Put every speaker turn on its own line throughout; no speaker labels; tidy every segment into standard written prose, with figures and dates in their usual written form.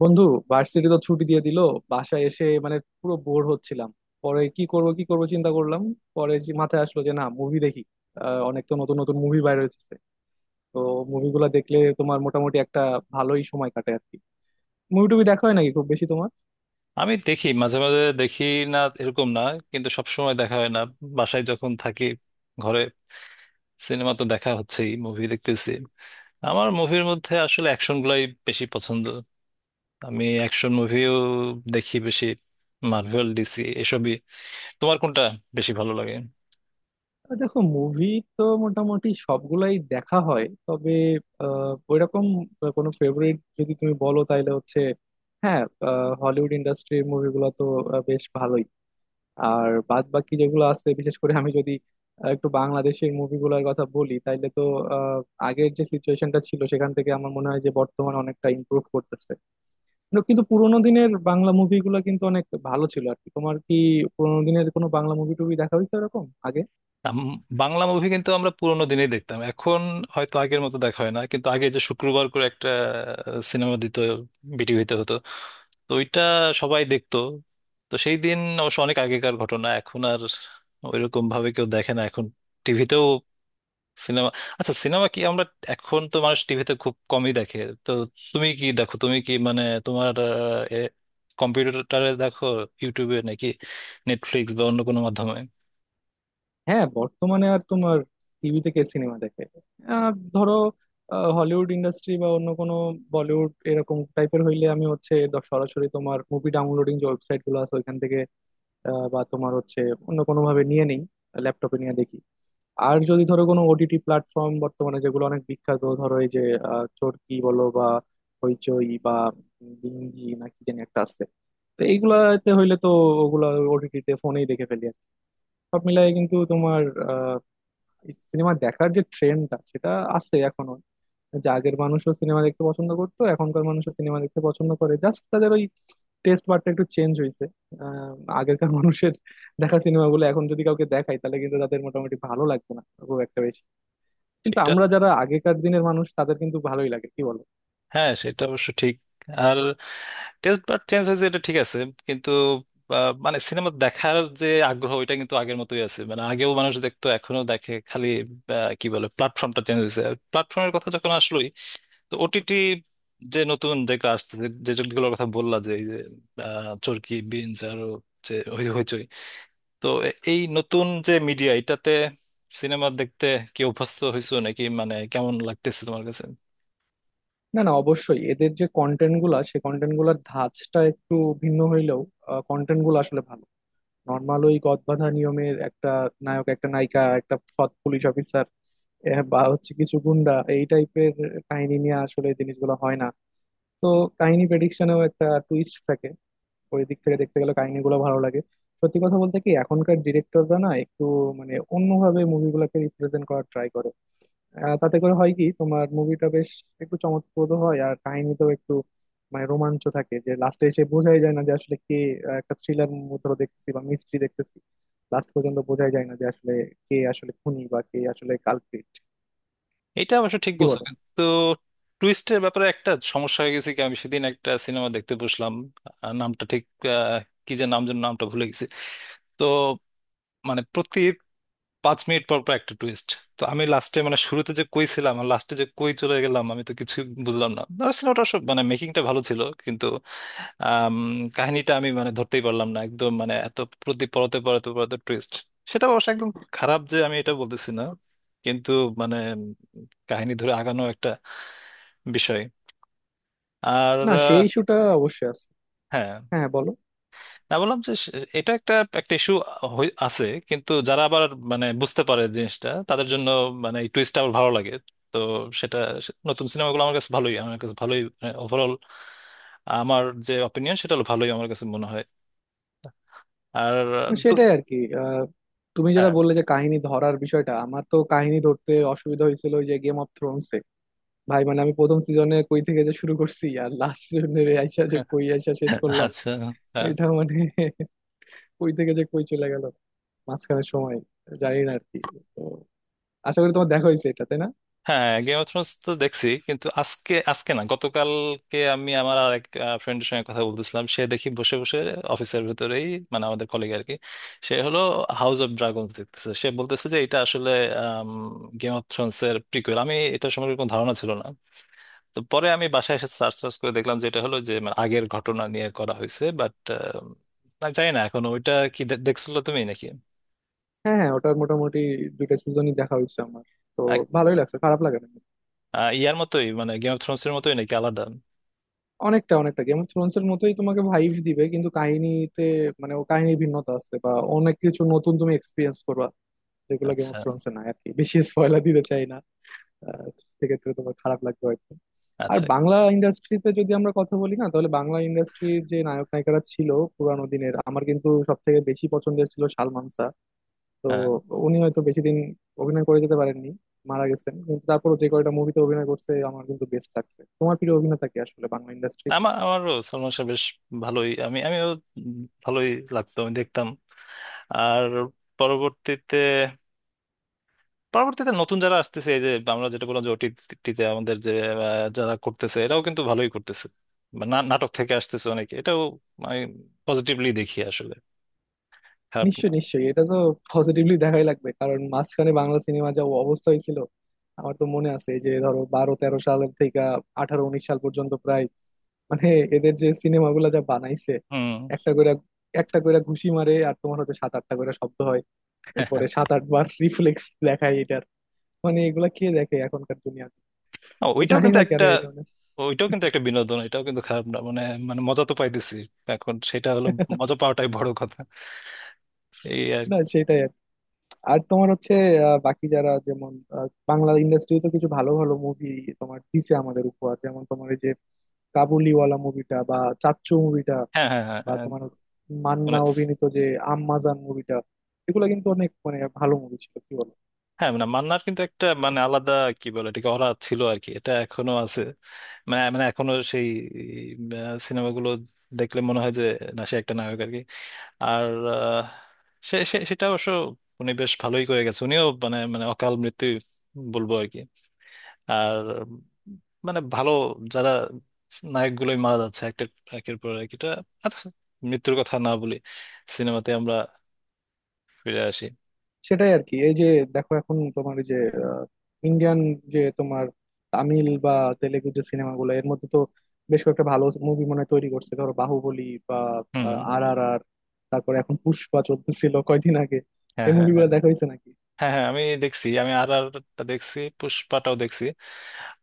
বন্ধু, ভার্সিটি তো ছুটি দিয়ে দিল। বাসায় এসে মানে পুরো বোর হচ্ছিলাম। পরে কি করব কি করব চিন্তা করলাম। পরে যে মাথায় আসলো যে না মুভি দেখি। অনেক তো নতুন নতুন মুভি বাইর হয়েছে। তো মুভিগুলা দেখলে তোমার মোটামুটি একটা ভালোই সময় কাটে আর কি। মুভি টুভি দেখা হয় নাকি খুব বেশি তোমার?
আমি দেখি মাঝে মাঝে দেখি, না এরকম না, কিন্তু সব সময় দেখা হয় না। বাসায় যখন থাকি ঘরে সিনেমা তো দেখা হচ্ছেই, মুভি দেখতেছি। আমার মুভির মধ্যে আসলে অ্যাকশন গুলাই বেশি পছন্দ। আমি অ্যাকশন মুভিও দেখি বেশি, মার্ভেল, ডিসি এসবই। তোমার কোনটা বেশি ভালো লাগে?
দেখো মুভি তো মোটামুটি সবগুলাই দেখা হয়, তবে ওইরকম কোনো ফেভারিট যদি তুমি বলো তাহলে হচ্ছে হ্যাঁ, হলিউড ইন্ডাস্ট্রির মুভিগুলো তো বেশ ভালোই। আর বাদ বাকি যেগুলো আছে, বিশেষ করে আমি যদি একটু বাংলাদেশের মুভিগুলোর কথা বলি তাইলে তো আহ, আগের যে সিচুয়েশনটা ছিল সেখান থেকে আমার মনে হয় যে বর্তমান অনেকটা ইমপ্রুভ করতেছে। কিন্তু কিন্তু পুরোনো দিনের বাংলা মুভিগুলো কিন্তু অনেক ভালো ছিল আর কি। তোমার কি পুরোনো দিনের কোনো বাংলা মুভি টুভি দেখা হয়েছে এরকম আগে?
আম, বাংলা মুভি কিন্তু আমরা পুরোনো দিনেই দেখতাম, এখন হয়তো আগের মতো দেখা হয় না। কিন্তু আগে যে শুক্রবার করে একটা সিনেমা দিত, বিটিভিতে হতো, তো ওইটা সবাই দেখতো। তো সেই দিন অবশ্য অনেক আগেকার ঘটনা, এখন আর ওইরকম ভাবে কেউ দেখে না এখন, টিভিতেও সিনেমা। আচ্ছা, সিনেমা কি আমরা, এখন তো মানুষ টিভিতে খুব কমই দেখে, তো তুমি কি দেখো, তুমি কি মানে তোমার কম্পিউটারে দেখো, ইউটিউবে নাকি নেটফ্লিক্স বা অন্য কোনো মাধ্যমে?
হ্যাঁ বর্তমানে আর তোমার টিভিতে কে সিনেমা দেখে। ধরো হলিউড ইন্ডাস্ট্রি বা অন্য কোনো বলিউড এরকম টাইপের হইলে আমি হচ্ছে সরাসরি তোমার মুভি ডাউনলোডিং যে ওয়েবসাইট গুলো আছে ওইখান থেকে বা তোমার হচ্ছে অন্য কোনোভাবে নিয়ে নেই, ল্যাপটপে নিয়ে দেখি। আর যদি ধরো কোনো ওটিটি প্ল্যাটফর্ম বর্তমানে যেগুলো অনেক বিখ্যাত, ধরো এই যে চরকি বলো বা হইচই বা ডিঙ্গি না কি জানি একটা আছে, তো এইগুলাতে হইলে তো ওগুলা ওটিটিতে ফোনেই দেখে ফেলি আর কি। সব মিলাই কিন্তু তোমার সিনেমা দেখার যে ট্রেন্ডটা সেটা আছে এখনো। যে আগের মানুষও সিনেমা দেখতে পছন্দ করতো, এখনকার মানুষও সিনেমা দেখতে পছন্দ করে, জাস্ট তাদের ওই টেস্ট বারটা একটু চেঞ্জ হয়েছে। আহ, আগেরকার মানুষের দেখা সিনেমাগুলো এখন যদি কাউকে দেখাই তাহলে কিন্তু তাদের মোটামুটি ভালো লাগবে না খুব একটা বেশি, কিন্তু আমরা যারা আগেকার দিনের মানুষ তাদের কিন্তু ভালোই লাগে, কি বলো?
হ্যাঁ, সেটা অবশ্য ঠিক। আর টেস্ট বার চেঞ্জ হয়েছে, এটা ঠিক আছে, কিন্তু মানে সিনেমা দেখার যে আগ্রহ ওইটা কিন্তু আগের মতোই আছে, মানে আগেও মানুষ দেখতো এখনো দেখে, খালি কি বলে প্ল্যাটফর্মটা চেঞ্জ হয়েছে। প্ল্যাটফর্মের কথা যখন আসলোই, তো ওটিটি যে নতুন যেগুলো আসছে, যে যেগুলোর কথা বললা, যে এই যে চরকি, বিনস, আরো যে হইচই, তো এই নতুন যে মিডিয়া, এটাতে সিনেমা দেখতে কি অভ্যস্ত হয়েছো নাকি, মানে কেমন লাগতেছে তোমার কাছে?
না না, অবশ্যই এদের যে কন্টেন্ট গুলা সে কন্টেন্ট গুলার ধাঁচটা একটু ভিন্ন হইলেও কন্টেন্ট গুলো আসলে ভালো। নর্মাল ওই গদবাঁধা নিয়মের একটা নায়ক, একটা নায়িকা, একটা সৎ পুলিশ অফিসার বা হচ্ছে কিছু গুন্ডা, এই টাইপের কাহিনী নিয়ে আসলে জিনিসগুলো হয় না। তো কাহিনী প্রেডিকশনেও একটা টুইস্ট থাকে। ওই দিক থেকে দেখতে গেলে কাহিনীগুলো ভালো লাগে। সত্যি কথা বলতে কি, এখনকার ডিরেক্টররা না একটু মানে অন্যভাবে মুভিগুলোকে রিপ্রেজেন্ট করার ট্রাই করে। তাতে করে হয় কি তোমার মুভিটা বেশ একটু চমকপ্রদ হয়, আর কাহিনীতেও একটু মানে রোমাঞ্চ থাকে যে লাস্টে এসে বোঝাই যায় না যে আসলে কে। একটা থ্রিলার ধরো দেখতেছি বা মিস্ট্রি দেখতেছি, লাস্ট পর্যন্ত বোঝাই যায় না যে আসলে কে আসলে খুনি বা কে আসলে কালপ্রিট।
এটা অবশ্য ঠিক
কি
বলছো,
বলো?
কিন্তু টুইস্টের ব্যাপারে একটা সমস্যা হয়ে গেছে। কি, আমি সেদিন একটা সিনেমা দেখতে বসলাম, নামটা ঠিক আহ, কি যে নাম যেন, নামটা ভুলে গেছি, তো মানে প্রতি 5 মিনিট পর পর একটা টুইস্ট। তো আমি লাস্টে, মানে শুরুতে যে কই ছিলাম আর লাস্টে যে কই চলে গেলাম, আমি তো কিছু বুঝলাম না। আর সিনেমাটা সব, মানে মেকিংটা ভালো ছিল, কিন্তু আম, কাহিনীটা আমি মানে ধরতেই পারলাম না একদম, মানে এত প্রতি পরতে পরতে পরতে টুইস্ট। সেটা অবশ্য একদম খারাপ যে আমি এটা বলতেছি না, কিন্তু মানে কাহিনী ধরে আগানো একটা বিষয়। আর
না সেই ইস্যুটা অবশ্যই আছে।
হ্যাঁ,
হ্যাঁ বলো।
না বললাম যে এটা একটা, একটা ইস্যু আছে, কিন্তু যারা আবার মানে বুঝতে পারে জিনিসটা, তাদের জন্য মানে এই টুইস্টটা আবার ভালো লাগে। তো সেটা, নতুন সিনেমাগুলো আমার কাছে ভালোই, আমার কাছে ভালোই। ওভারঅল আমার যে অপিনিয়ন সেটা হলো ভালোই, আমার কাছে মনে হয়। আর
না,
দু-
সেটাই আর কি। তুমি যেটা
হ্যাঁ,
বললে যে কাহিনী ধরার বিষয়টা, আমার তো কাহিনী ধরতে অসুবিধা হয়েছিল ওই যে গেম অফ থ্রোনসে। ভাই মানে আমি প্রথম সিজনে কই থেকে যে শুরু করছি আর লাস্ট সিজনে আইসা যে
হ্যাঁ,
কই আইসা শেষ করলাম।
আচ্ছা, হ্যাঁ,
এটা মানে কই থেকে যে কই চলে গেল মাঝখানে সময় জানি না আর কি। তো আশা করি তোমার দেখা হয়েছে এটা, তাই না?
হ্যাঁ। গেম অফ থ্রোনস তো দেখছি, কিন্তু আজকে, আজকে না গতকালকে আমি আমার আর এক ফ্রেন্ডের সঙ্গে কথা বলতেছিলাম, সে দেখি বসে বসে অফিসের ভেতরেই, মানে আমাদের কলিগ আর কি, সে হলো হাউস অফ ড্রাগনস দেখতেছে। সে বলতেছে যে এটা আসলে গেম অফ থ্রোনস এর প্রিকুয়েল। আমি এটা সম্পর্কে কোনো ধারণা ছিল না, তো পরে আমি বাসায় এসে সার্চ টার্চ করে দেখলাম যে এটা হলো যে মানে আগের ঘটনা নিয়ে করা হয়েছে, বাট আমি জানি না এখন ওইটা কি, দেখছিল তুমি নাকি?
হ্যাঁ হ্যাঁ, ওটার মোটামুটি 2টা সিজনই দেখা হয়েছে আমার। তো
আ-
ভালোই লাগছে, খারাপ লাগে না।
আ, ইয়ার মতোই, মানে গেম অফ থ্রোনস এর মতোই নাকি আলাদা?
অনেকটা অনেকটা গেম অফ থ্রোনস এর মতোই তোমাকে ভাইব দিবে, কিন্তু কাহিনীতে মানে ও কাহিনীর ভিন্নতা আছে বা অনেক কিছু নতুন তুমি এক্সপিরিয়েন্স করবা যেগুলো গেম
আচ্ছা,
অফ থ্রোনস এ নাই আর কি। বেশি স্পয়লার দিতে চাই না। আহ, সেক্ষেত্রে তোমার খারাপ লাগবে হয়তো। আর
আচ্ছা।
বাংলা ইন্ডাস্ট্রিতে যদি আমরা কথা বলি না তাহলে বাংলা ইন্ডাস্ট্রির যে নায়ক নায়িকারা ছিল পুরানো দিনের, আমার কিন্তু সব থেকে বেশি পছন্দের ছিল সালমান শাহ। তো
হ্যাঁ।
উনি হয়তো বেশি দিন অভিনয় করে যেতে পারেননি, মারা গেছেন, কিন্তু তারপরও যে কয়টা মুভিতে অভিনয় করছে আমার কিন্তু বেস্ট লাগছে। তোমার প্রিয় অভিনেতা কি আসলে বাংলা ইন্ডাস্ট্রি?
আমার, আমারও সলমান শাহ বেশ ভালোই, আমিও ভালোই লাগতো, আমি দেখতাম। আর পরবর্তীতে পরবর্তীতে নতুন যারা আসতেছে, এই যে আমরা যেটা বললাম যে ওটিটিতে আমাদের যে যারা করতেছে, এরাও কিন্তু ভালোই করতেছে। বা নাটক থেকে আসতেছে অনেকে, এটাও আমি পজিটিভলি দেখি আসলে, খারাপ না।
নিশ্চয়ই নিশ্চয়ই, এটা তো পজিটিভলি দেখাই লাগবে, কারণ মাঝখানে বাংলা সিনেমা যা অবস্থা হয়েছিল। আমার তো মনে আছে যে ধরো 12-13 সাল থেকে 18-19 সাল পর্যন্ত প্রায় মানে এদের যে সিনেমাগুলো যা বানাইছে,
হুম।
একটা করে একটা করে ঘুষি মারে আর তোমার হচ্ছে 7-8টা করে শব্দ হয়, এরপরে 7-8 বার রিফ্লেক্স দেখায় এটার। মানে এগুলা কে দেখে এখনকার দুনিয়াতে?
আ,
তো
ওইটাও
জানি
কিন্তু
না কেন
একটা,
এই ধরনের
ওইটাও কিন্তু একটা বিনোদন, এটাও কিন্তু খারাপ না, মানে মানে মজা তো পাইতেছি। এখন সেটা হলো, মজা পাওয়াটাই বড় কথা, এই আর
না
কি।
সেটাই আর কি। আর তোমার হচ্ছে বাকি যারা যেমন বাংলা ইন্ডাস্ট্রি তো কিছু ভালো ভালো মুভি তোমার দিছে আমাদের উপহার, যেমন তোমার এই যে কাবুলিওয়ালা মুভিটা বা চাচ্চু মুভিটা
হ্যাঁ, হ্যাঁ, হ্যাঁ,
বা
হ্যাঁ,
তোমার
মানে
মান্না অভিনীত যে আম্মাজান মুভিটা, এগুলো কিন্তু অনেক মানে ভালো মুভি ছিল, কি বলো?
হ্যাঁ, মানে মান্নার কিন্তু একটা মানে আলাদা, কি বলে এটাকে, অরা ছিল আর কি, এটা এখনো আছে। মানে মানে এখনো সেই সিনেমাগুলো দেখলে মনে হয় যে না, সে একটা নায়ক আর কি। আর আহ, সে সে সেটা অবশ্য, উনি বেশ ভালোই করে গেছে। উনিও মানে মানে অকাল মৃত্যু বলবো আর কি। আর মানে ভালো যারা নায়কগুলোই মারা যাচ্ছে একটা, একের পর এক এটা। আচ্ছা, মৃত্যুর কথা না বলি, সিনেমাতে আমরা ফিরে আসি।
সেটাই আর কি। এই যে দেখো এখন তোমার এই যে ইন্ডিয়ান যে তোমার তামিল বা তেলেগু যে সিনেমাগুলো এর মধ্যে তো বেশ কয়েকটা ভালো মুভি মনে হয় তৈরি করছে, ধরো বাহুবলী বা
হুম।
আর আর আর তারপরে এখন পুষ্পা চলতেছিল কয়দিন আগে।
হ্যাঁ,
এই
হ্যাঁ,
মুভিগুলো
হ্যাঁ,
দেখা হয়েছে নাকি?
হ্যাঁ। হ্যাঁ, আমি দেখছি, আমি আর আরটা দেখছি, পুষ্পাটাও দেখছি।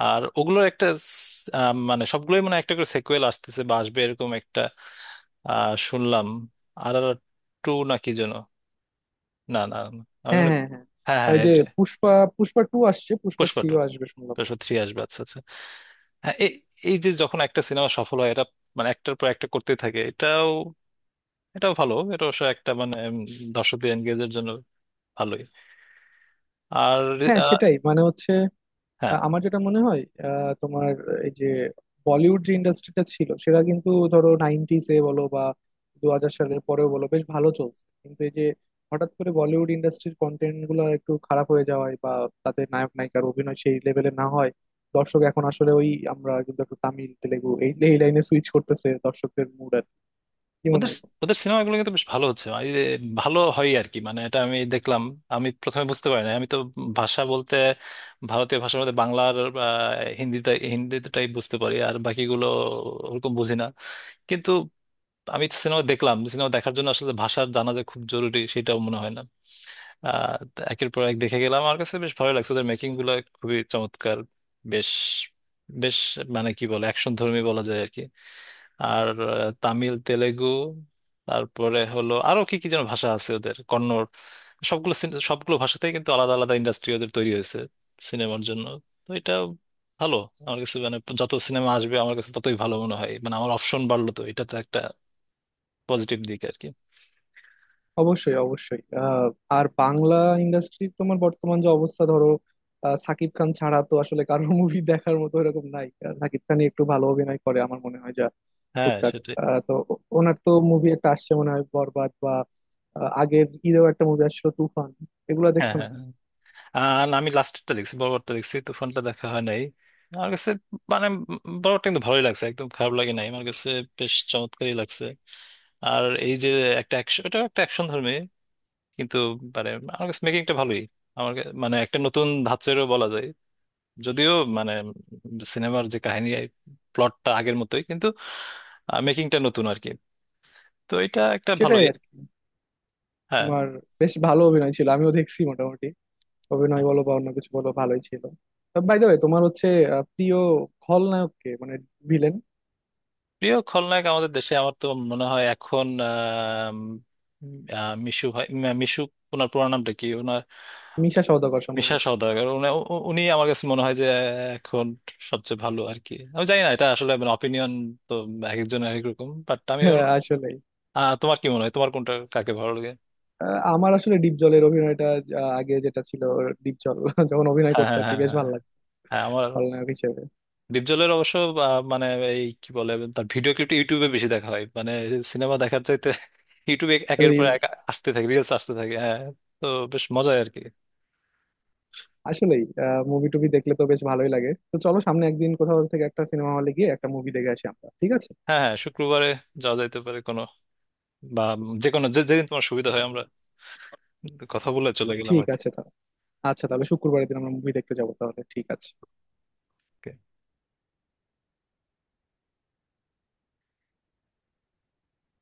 আর ওগুলোর একটা মানে সবগুলোই মানে একটা করে সেকুয়েল আসতেছে বা আসবে, এরকম একটা শুনলাম। আর আর টু না কি যেন, না, না, না। আমি
হ্যাঁ
মানে
হ্যাঁ হ্যাঁ,
হ্যাঁ, হ্যাঁ,
ওই যে
এটা
পুষ্পা, পুষ্পা টু আসছে, পুষ্পা
পুষ্পা টু,
থ্রিও আসবে শুনলাম।
পুষ্পা থ্রি আসবে, আচ্ছা, আচ্ছা। হ্যাঁ, এই, এই যে যখন একটা সিনেমা সফল হয়, এটা মানে একটার পর একটা করতে থাকে, এটাও, এটাও ভালো। এটা অবশ্য একটা মানে দর্শকদের এনগেজের জন্য ভালোই। আর
হ্যাঁ
আহ,
সেটাই মানে হচ্ছে
হ্যাঁ।
আমার যেটা মনে হয় তোমার এই যে বলিউড যে ইন্ডাস্ট্রিটা ছিল সেটা কিন্তু ধরো নাইনটিস এ বলো বা 2000 সালের পরেও বলো বেশ ভালো চলছে, কিন্তু এই যে হঠাৎ করে বলিউড ইন্ডাস্ট্রির কন্টেন্ট গুলো একটু খারাপ হয়ে যাওয়ায় বা তাদের নায়ক নায়িকার অভিনয় সেই লেভেলে না হয়, দর্শক এখন আসলে ওই আমরা কিন্তু একটু তামিল তেলেগু এই এই লাইনে সুইচ করতেছে দর্শকদের মুড। আর কি মনে
ওদের
হয় তোমার?
ওদের সিনেমাগুলো কিন্তু বেশ ভালো হচ্ছে, আর এই যে ভালো হয় আর কি। মানে এটা আমি দেখলাম, আমি প্রথমে বুঝতে পারি না। আমি তো ভাষা বলতে, ভারতীয় ভাষার মধ্যে বাংলার বা হিন্দিতে, হিন্দিটাই বুঝতে পারি, আর বাকিগুলো ওরকম বুঝি না। কিন্তু আমি সিনেমা দেখলাম, সিনেমা দেখার জন্য আসলে ভাষার জানা যে খুব জরুরি সেটাও মনে হয় না। আহ, তো একের পর এক দেখে গেলাম, আমার কাছে বেশ ভালো লাগছে। ওদের মেকিং গুলো খুবই চমৎকার। বেশ, বেশ মানে কি বলে অ্যাকশন ধর্মী বলা যায় আর কি। আর তামিল, তেলেগু, তারপরে হলো আরো কি কি যেন ভাষা আছে ওদের, কন্নড়। সবগুলো ভাষাতেই কিন্তু আলাদা আলাদা ইন্ডাস্ট্রি ওদের তৈরি হয়েছে সিনেমার জন্য। তো এটা ভালো। আমার কাছে মানে যত সিনেমা আসবে আমার কাছে ততই ভালো মনে হয়, মানে আমার অপশন বাড়লো, তো এটা তো একটা পজিটিভ দিক আর কি।
অবশ্যই অবশ্যই। আর বাংলা ইন্ডাস্ট্রির তোমার বর্তমান যে অবস্থা ধরো সাকিব খান ছাড়া তো আসলে কারোর মুভি দেখার মতো এরকম নাই। সাকিব খানই একটু ভালো অভিনয় করে আমার মনে হয় যা
হ্যাঁ,
টুকটাক।
সেটাই।
তো ওনার তো মুভি একটা আসছে মনে হয় বরবাদ বা আগের ঈদেও একটা মুভি আসছিল তুফান, এগুলো
হ্যাঁ,
দেখছো
হ্যাঁ,
নাকি?
হ্যাঁ। আর আমি লাস্টেরটা দেখছি, বড়বারটা দেখছি, তো ফোনটা দেখা হয় নাই আমার কাছে। মানে বড়টা কিন্তু ভালোই লাগছে, একদম খারাপ লাগে নাই আমার কাছে, বেশ চমৎকারই লাগছে। আর এই যে একটা ওটা একটা অ্যাকশন ধর্মী, কিন্তু মানে আমার কাছে মেকিংটা ভালোই। আমার কা-, মানে একটা নতুন ধাঁচেরও বলা যায়, যদিও মানে সিনেমার যে কাহিনী প্লটটা আগের মতোই, কিন্তু মেকিংটা নতুন আর কি। তো এটা একটা
সেটাই
ভালোই।
আর কি।
হ্যাঁ।
তোমার বেশ ভালো অভিনয় ছিল, আমিও দেখছি মোটামুটি। অভিনয় বলো বা অন্য কিছু বলো ভালোই ছিল। বাই দ্য ওয়ে তোমার হচ্ছে প্রিয় খলনায়ক কে মানে ভিলেন?
প্রিয় খলনায়ক আমাদের দেশে, আমার তো মনে হয় এখন মিশু ভাই, মিশু, ওনার পুরো নামটা কি ওনার?
মিশা সওদাগর
মিশা
সম্ভবত।
সওদাগর, উনি, উনি আমার কাছে মনে হয় যে এখন সবচেয়ে ভালো আর কি। আমি জানি না, এটা আসলে মানে অপিনিয়ন, তো এক একজনের এক এক রকম, বাট আমি
হ্যাঁ, আসলেই।
তোমার কি মনে হয়, তোমার কোনটা, কাকে ভালো লাগে?
আমার আসলে ডিপ জলের অভিনয়টা যা আগে যেটা ছিল, ডিপ জল যখন অভিনয়
হ্যাঁ,
করতো
হ্যাঁ,
আর কি
হ্যাঁ,
বেশ
হ্যাঁ,
ভালো লাগতো
হ্যাঁ, আমার
খলনায়ক হিসেবে।
ডিপজলের অবশ্য মানে এই কি বলে, তার ভিডিও ক্লিপটা ইউটিউবে বেশি দেখা হয়, মানে সিনেমা দেখার চাইতে ইউটিউবে একের পর
রিলস।
এক আসতে থাকে, রিলস আসতে থাকে, হ্যাঁ। তো বেশ মজাই আর কি।
আসলেই মুভি টুভি দেখলে তো বেশ ভালোই লাগে। তো চলো সামনে একদিন কোথাও থেকে একটা সিনেমা হলে গিয়ে একটা মুভি দেখে আসি আমরা, ঠিক আছে?
হ্যাঁ, হ্যাঁ, শুক্রবারে যাওয়া যাইতে পারে, কোনো বা যে কোনো, যেদিন তোমার সুবিধা হয় আমরা কথা বলে চলে গেলাম
ঠিক
আর
আছে তাহলে। আচ্ছা তাহলে শুক্রবারের দিন আমরা মুভি দেখতে যাবো তাহলে, ঠিক আছে?
কি।